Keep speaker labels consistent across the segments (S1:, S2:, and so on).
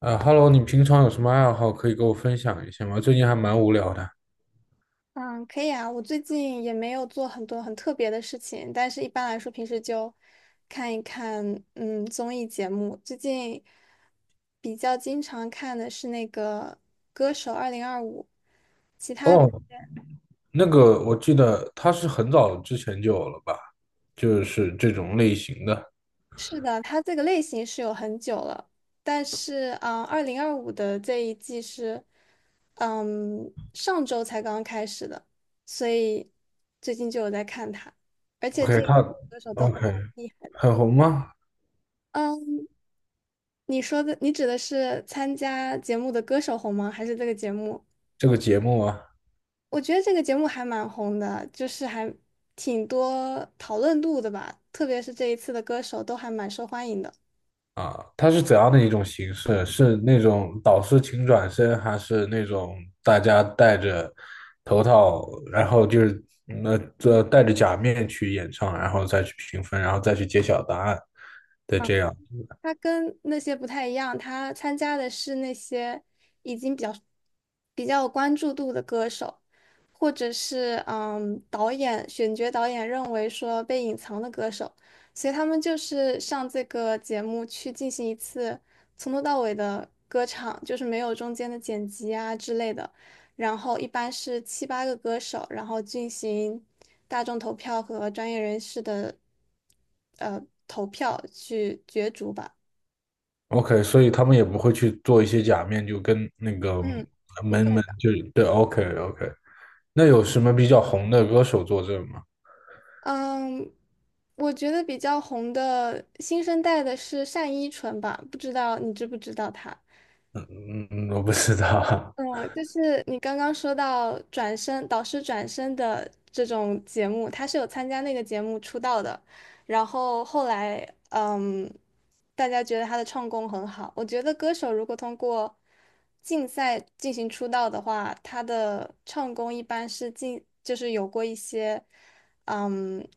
S1: Hello，你平常有什么爱好可以跟我分享一下吗？最近还蛮无聊的。
S2: 嗯，可以啊。我最近也没有做很多很特别的事情，但是一般来说，平时就看一看综艺节目。最近比较经常看的是那个《歌手二零二五》，其他的。
S1: 哦，那个我记得他是很早之前就有了吧，就是这种类型的。
S2: 是的，它这个类型是有很久了，但是啊二零二五的这一季是上周才刚刚开始的，所以最近就有在看它，而且这
S1: OK，
S2: 一季
S1: 他
S2: 歌手都还
S1: OK
S2: 蛮厉害的。
S1: 很红吗？
S2: 嗯。你指的是参加节目的歌手红吗？还是这个节目？
S1: 这个节目啊。
S2: 我觉得这个节目还蛮红的，就是还挺多讨论度的吧，特别是这一次的歌手都还蛮受欢迎的。
S1: 啊，它是怎样的一种形式？是那种导师请转身，还是那种大家戴着头套，然后就是戴着假面去演唱，然后再去评分，然后再去揭晓答案的这样？
S2: 他跟那些不太一样，他参加的是那些已经比较有关注度的歌手，或者是选角导演认为说被隐藏的歌手，所以他们就是上这个节目去进行一次从头到尾的歌唱，就是没有中间的剪辑啊之类的。然后一般是七八个歌手，然后进行大众投票和专业人士的呃投票去角逐吧。
S1: OK，所以他们也不会去做一些假面，就跟那个
S2: 嗯，不
S1: 门
S2: 会
S1: 门
S2: 的。
S1: 就对，OK OK。那有什么比较红的歌手作证吗？
S2: 嗯，我觉得比较红的新生代的是单依纯吧，不知道你知不知道她？
S1: 嗯嗯嗯，我不知道。
S2: 嗯，就是你刚刚说到导师转身的这种节目，她是有参加那个节目出道的，然后后来嗯，大家觉得她的唱功很好。我觉得歌手如果通过竞赛进行出道的话，她的唱功一般是就是有过一些。嗯，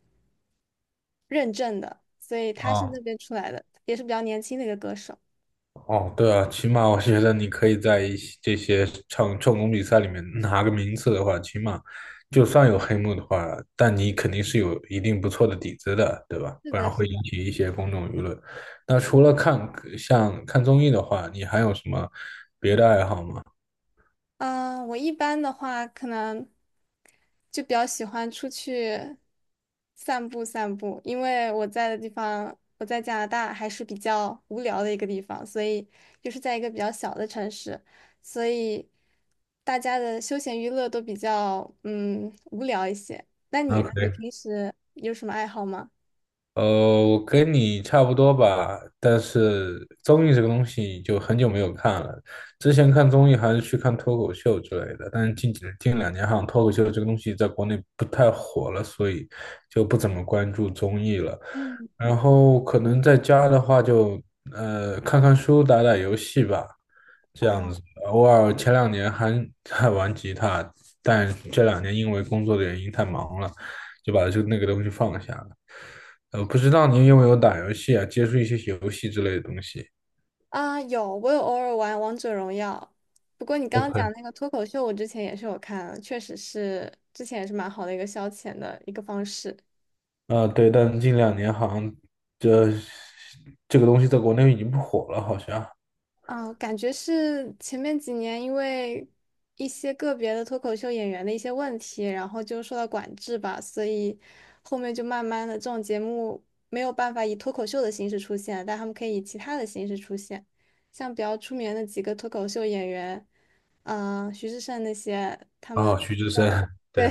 S2: 认证的，所以他是
S1: 啊
S2: 那边出来的，也是比较年轻的一个歌手。
S1: 哦，对啊，起码我觉得你可以在这些唱功比赛里面拿个名次的话，起码就算有黑幕的话，但你肯定是有一定不错的底子的，对吧？
S2: 是
S1: 不然
S2: 的，
S1: 会
S2: 是
S1: 引
S2: 的。
S1: 起一些公众舆论。那除了像看综艺的话，你还有什么别的爱好吗？
S2: 啊、我一般的话，可能就比较喜欢出去散步散步，因为我在的地方，我在加拿大还是比较无聊的一个地方，所以就是在一个比较小的城市，所以大家的休闲娱乐都比较无聊一些。那你
S1: 那
S2: 呢？
S1: 肯
S2: 你
S1: 定。
S2: 平时有什么爱好吗？
S1: 呃，我跟你差不多吧，但是综艺这个东西就很久没有看了。之前看综艺还是去看脱口秀之类的，但是近两年好像脱口秀这个东西在国内不太火了，所以就不怎么关注综艺了。
S2: 嗯，
S1: 然后可能在家的话就看看书、打打游戏吧，这样子。
S2: 啊。
S1: 偶尔前两年还 还玩吉他，但这两年因为工作的原因太忙了，就把这那个东西放下了。不知道您有没有打游戏啊？接触一些游戏之类的东西。
S2: 啊，有，我有偶尔玩王者荣耀。不过你刚刚讲
S1: OK。
S2: 那个脱口秀，我之前也是有看，确实是之前也是蛮好的一个消遣的一个方式。
S1: 啊，对，但近两年好像这这个东西在国内已经不火了，好像。
S2: 啊，感觉是前面几年因为一些个别的脱口秀演员的一些问题，然后就受到管制吧，所以后面就慢慢的这种节目没有办法以脱口秀的形式出现，但他们可以以其他的形式出现，像比较出名的几个脱口秀演员。啊、徐志胜那些，他
S1: 啊，
S2: 们
S1: 徐志胜，
S2: 对，
S1: 对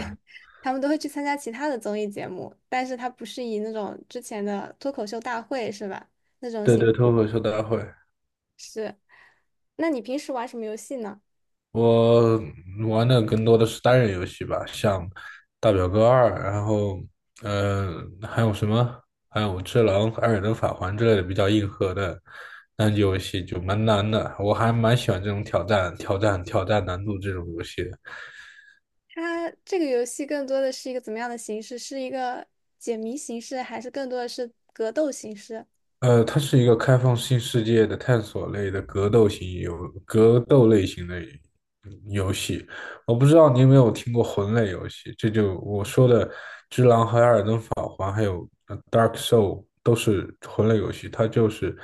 S2: 他们都会去参加其他的综艺节目，但是他不是以那种之前的脱口秀大会是吧？那种
S1: 对对，脱口秀大会。
S2: 是。那你平时玩什么游戏呢？
S1: 我玩的更多的是单人游戏吧，像《大表哥二》，然后还有什么？还有《只狼》《二尔登法环》之类的比较硬核的单机游戏，就蛮难的。我还蛮喜欢这种挑战难度这种游戏的。
S2: 它这个游戏更多的是一个怎么样的形式？是一个解谜形式，还是更多的是格斗形式？
S1: 它是一个开放性世界的探索类的格斗类型的游戏。我不知道你有没有听过魂类游戏，这就我说的《只狼》和《艾尔登法环》，还有《Dark Soul》都是魂类游戏。它就是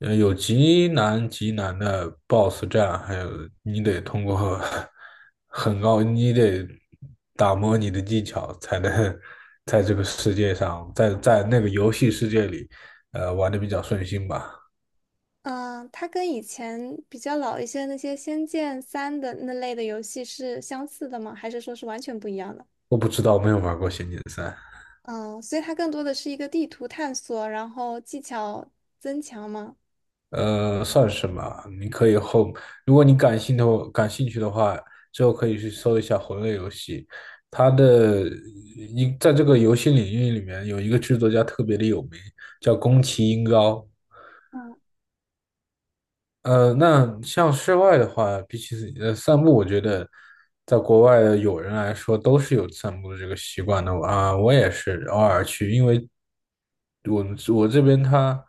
S1: 有极难的 BOSS 战，还有你得通过 很高，你得打磨你的技巧才能在这个世界上，在那个游戏世界里。玩的比较顺心吧。
S2: 嗯，它跟以前比较老一些那些《仙剑三》的那类的游戏是相似的吗？还是说是完全不一样的？
S1: 我不知道，没有玩过《仙剑三》，
S2: 嗯，所以它更多的是一个地图探索，然后技巧增强吗？
S1: 算是吧。你可以后，如果你感兴趣的话，之后可以去搜一下魂类游戏。它的一在这个游戏领域里面有一个制作家特别的有名，叫宫崎英高。
S2: 嗯。
S1: 那像室外的话，比起散步，我觉得在国外的友人来说都是有散步的这个习惯的啊。我也是偶尔去，因为我这边它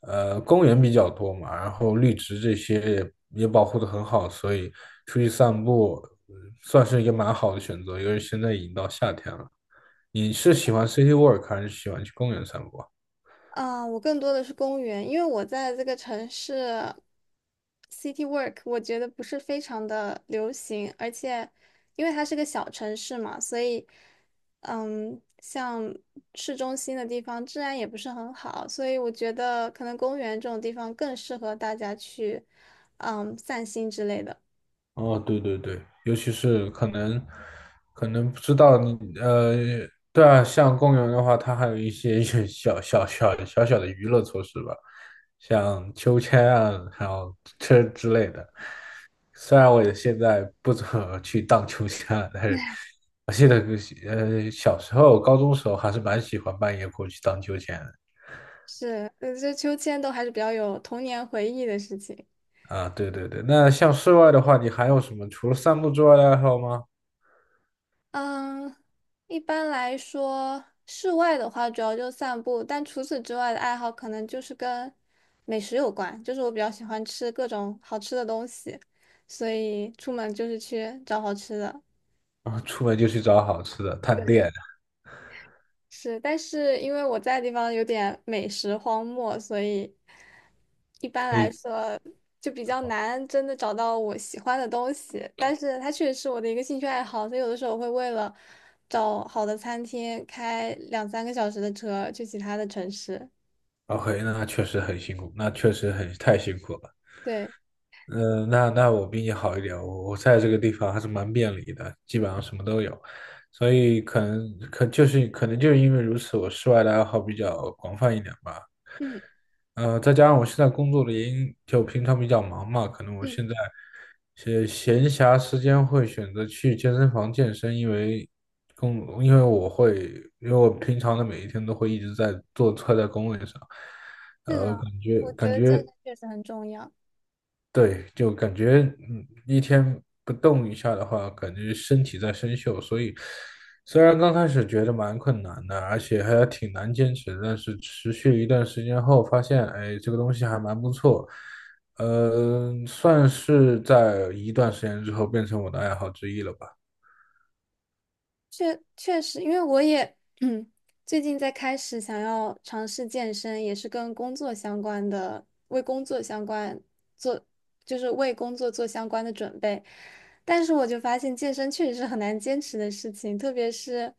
S1: 呃公园比较多嘛，然后绿植这些也保护的很好，所以出去散步呃算是一个蛮好的选择。因为现在已经到夏天了，你是喜欢 city walk 还是喜欢去公园散步啊？
S2: 啊，我更多的是公园，因为我在这个城市，city work，我觉得不是非常的流行，而且因为它是个小城市嘛，所以，像市中心的地方治安也不是很好，所以我觉得可能公园这种地方更适合大家去，散心之类的。
S1: 哦，对对对，尤其是可能不知道你呃，对啊，像公园的话，它还有一些 小小小小小的娱乐措施吧，像秋千啊，还有车之类的。虽然我也现在不怎么去荡秋千了，但是我记得小时候、高中时候还是蛮喜欢半夜过去荡秋千的。
S2: 是，这秋千都还是比较有童年回忆的事情。
S1: 啊，对对对，那像室外的话，你还有什么除了散步之外的爱好吗？
S2: 嗯，一般来说，室外的话主要就散步，但除此之外的爱好可能就是跟美食有关，就是我比较喜欢吃各种好吃的东西，所以出门就是去找好吃的。
S1: 啊，出门就去找好吃的探
S2: 对。
S1: 店。
S2: 是，但是因为我在的地方有点美食荒漠，所以一般
S1: 哎
S2: 来说就比较难真的找到我喜欢的东西。但是它确实是我的一个兴趣爱好，所以有的时候会为了找好的餐厅开两三个小时的车去其他的城市。
S1: ，OK，那确实很太辛苦了。
S2: 对，
S1: 嗯、那我比你好一点，我在这个地方还是蛮便利的，基本上什么都有，所以可能就是因为如此，我室外的爱好比较广泛一点吧。
S2: 嗯
S1: 再加上我现在工作的原因，就平常比较忙嘛，可能我
S2: 嗯，
S1: 现在闲暇时间会选择去健身房健身，因为工，因为我会，因为我平常的每一天都会一直坐在工位上，
S2: 是的，我觉
S1: 感
S2: 得健
S1: 觉
S2: 身确实很重要。
S1: 对，就感觉一天不动一下的话，感觉身体在生锈，所以虽然刚开始觉得蛮困难的，而且还挺难坚持的，但是持续一段时间后，发现哎，这个东西还蛮不错，算是在一段时间之后变成我的爱好之一了吧。
S2: 确实，因为我也嗯，最近在开始想要尝试健身，也是跟工作相关的，为工作相关做，就是为工作做相关的准备。但是我就发现健身确实是很难坚持的事情，特别是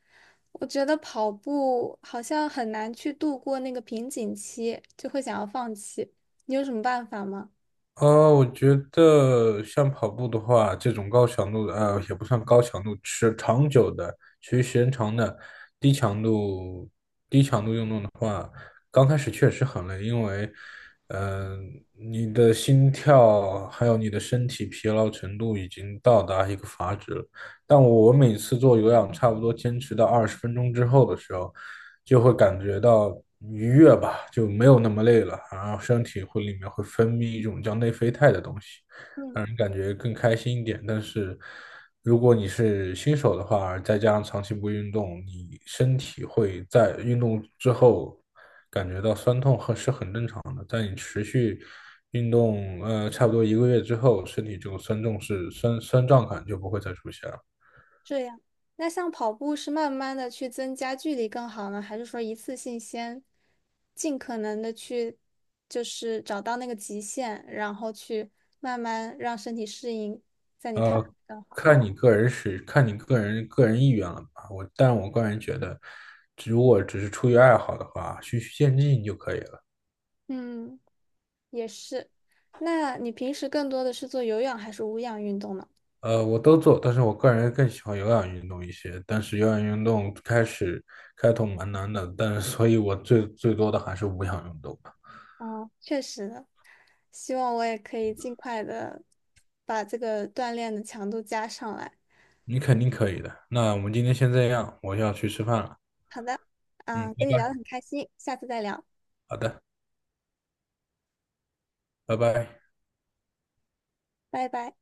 S2: 我觉得跑步好像很难去度过那个瓶颈期，就会想要放弃。你有什么办法吗？
S1: 我觉得像跑步的话，这种高强度的，也不算高强度，持续时间长的，低强度、低强度运动的话，刚开始确实很累，因为，嗯，你的心跳还有你的身体疲劳程度已经到达一个阀值了。但我每次做有氧，差不多坚持到20分钟之后的时候，就会感觉到愉悦吧，就没有那么累了，然后身体会里面会分泌一种叫内啡肽的东西，
S2: 嗯。
S1: 让人感觉更开心一点。但是如果你是新手的话，再加上长期不运动，你身体会在运动之后感觉到酸痛和是很正常的。在你持续运动，差不多一个月之后，身体这种酸痛是酸酸胀感就不会再出现了。
S2: 这样，那像跑步是慢慢的去增加距离更好呢，还是说一次性先尽可能的去，就是找到那个极限，然后去慢慢让身体适应，在你看来
S1: 呃，
S2: 更好？
S1: 看你个人意愿了吧。但我个人觉得，如果只是出于爱好的话，循序渐进就可以了。
S2: 嗯，也是。那你平时更多的是做有氧还是无氧运动呢？
S1: 我都做，但是我个人更喜欢有氧运动一些。但是有氧运动开头蛮难的，但是所以我最多的还是无氧运动吧。
S2: 啊，确实的，希望我也可以尽快的把这个锻炼的强度加上来。
S1: 你肯定可以的。那我们今天先这样，我要去吃饭了。
S2: 好的，
S1: 嗯，
S2: 啊，
S1: 拜
S2: 跟你聊得
S1: 拜。
S2: 很开心，下次再聊，
S1: 好的，拜拜。
S2: 拜拜。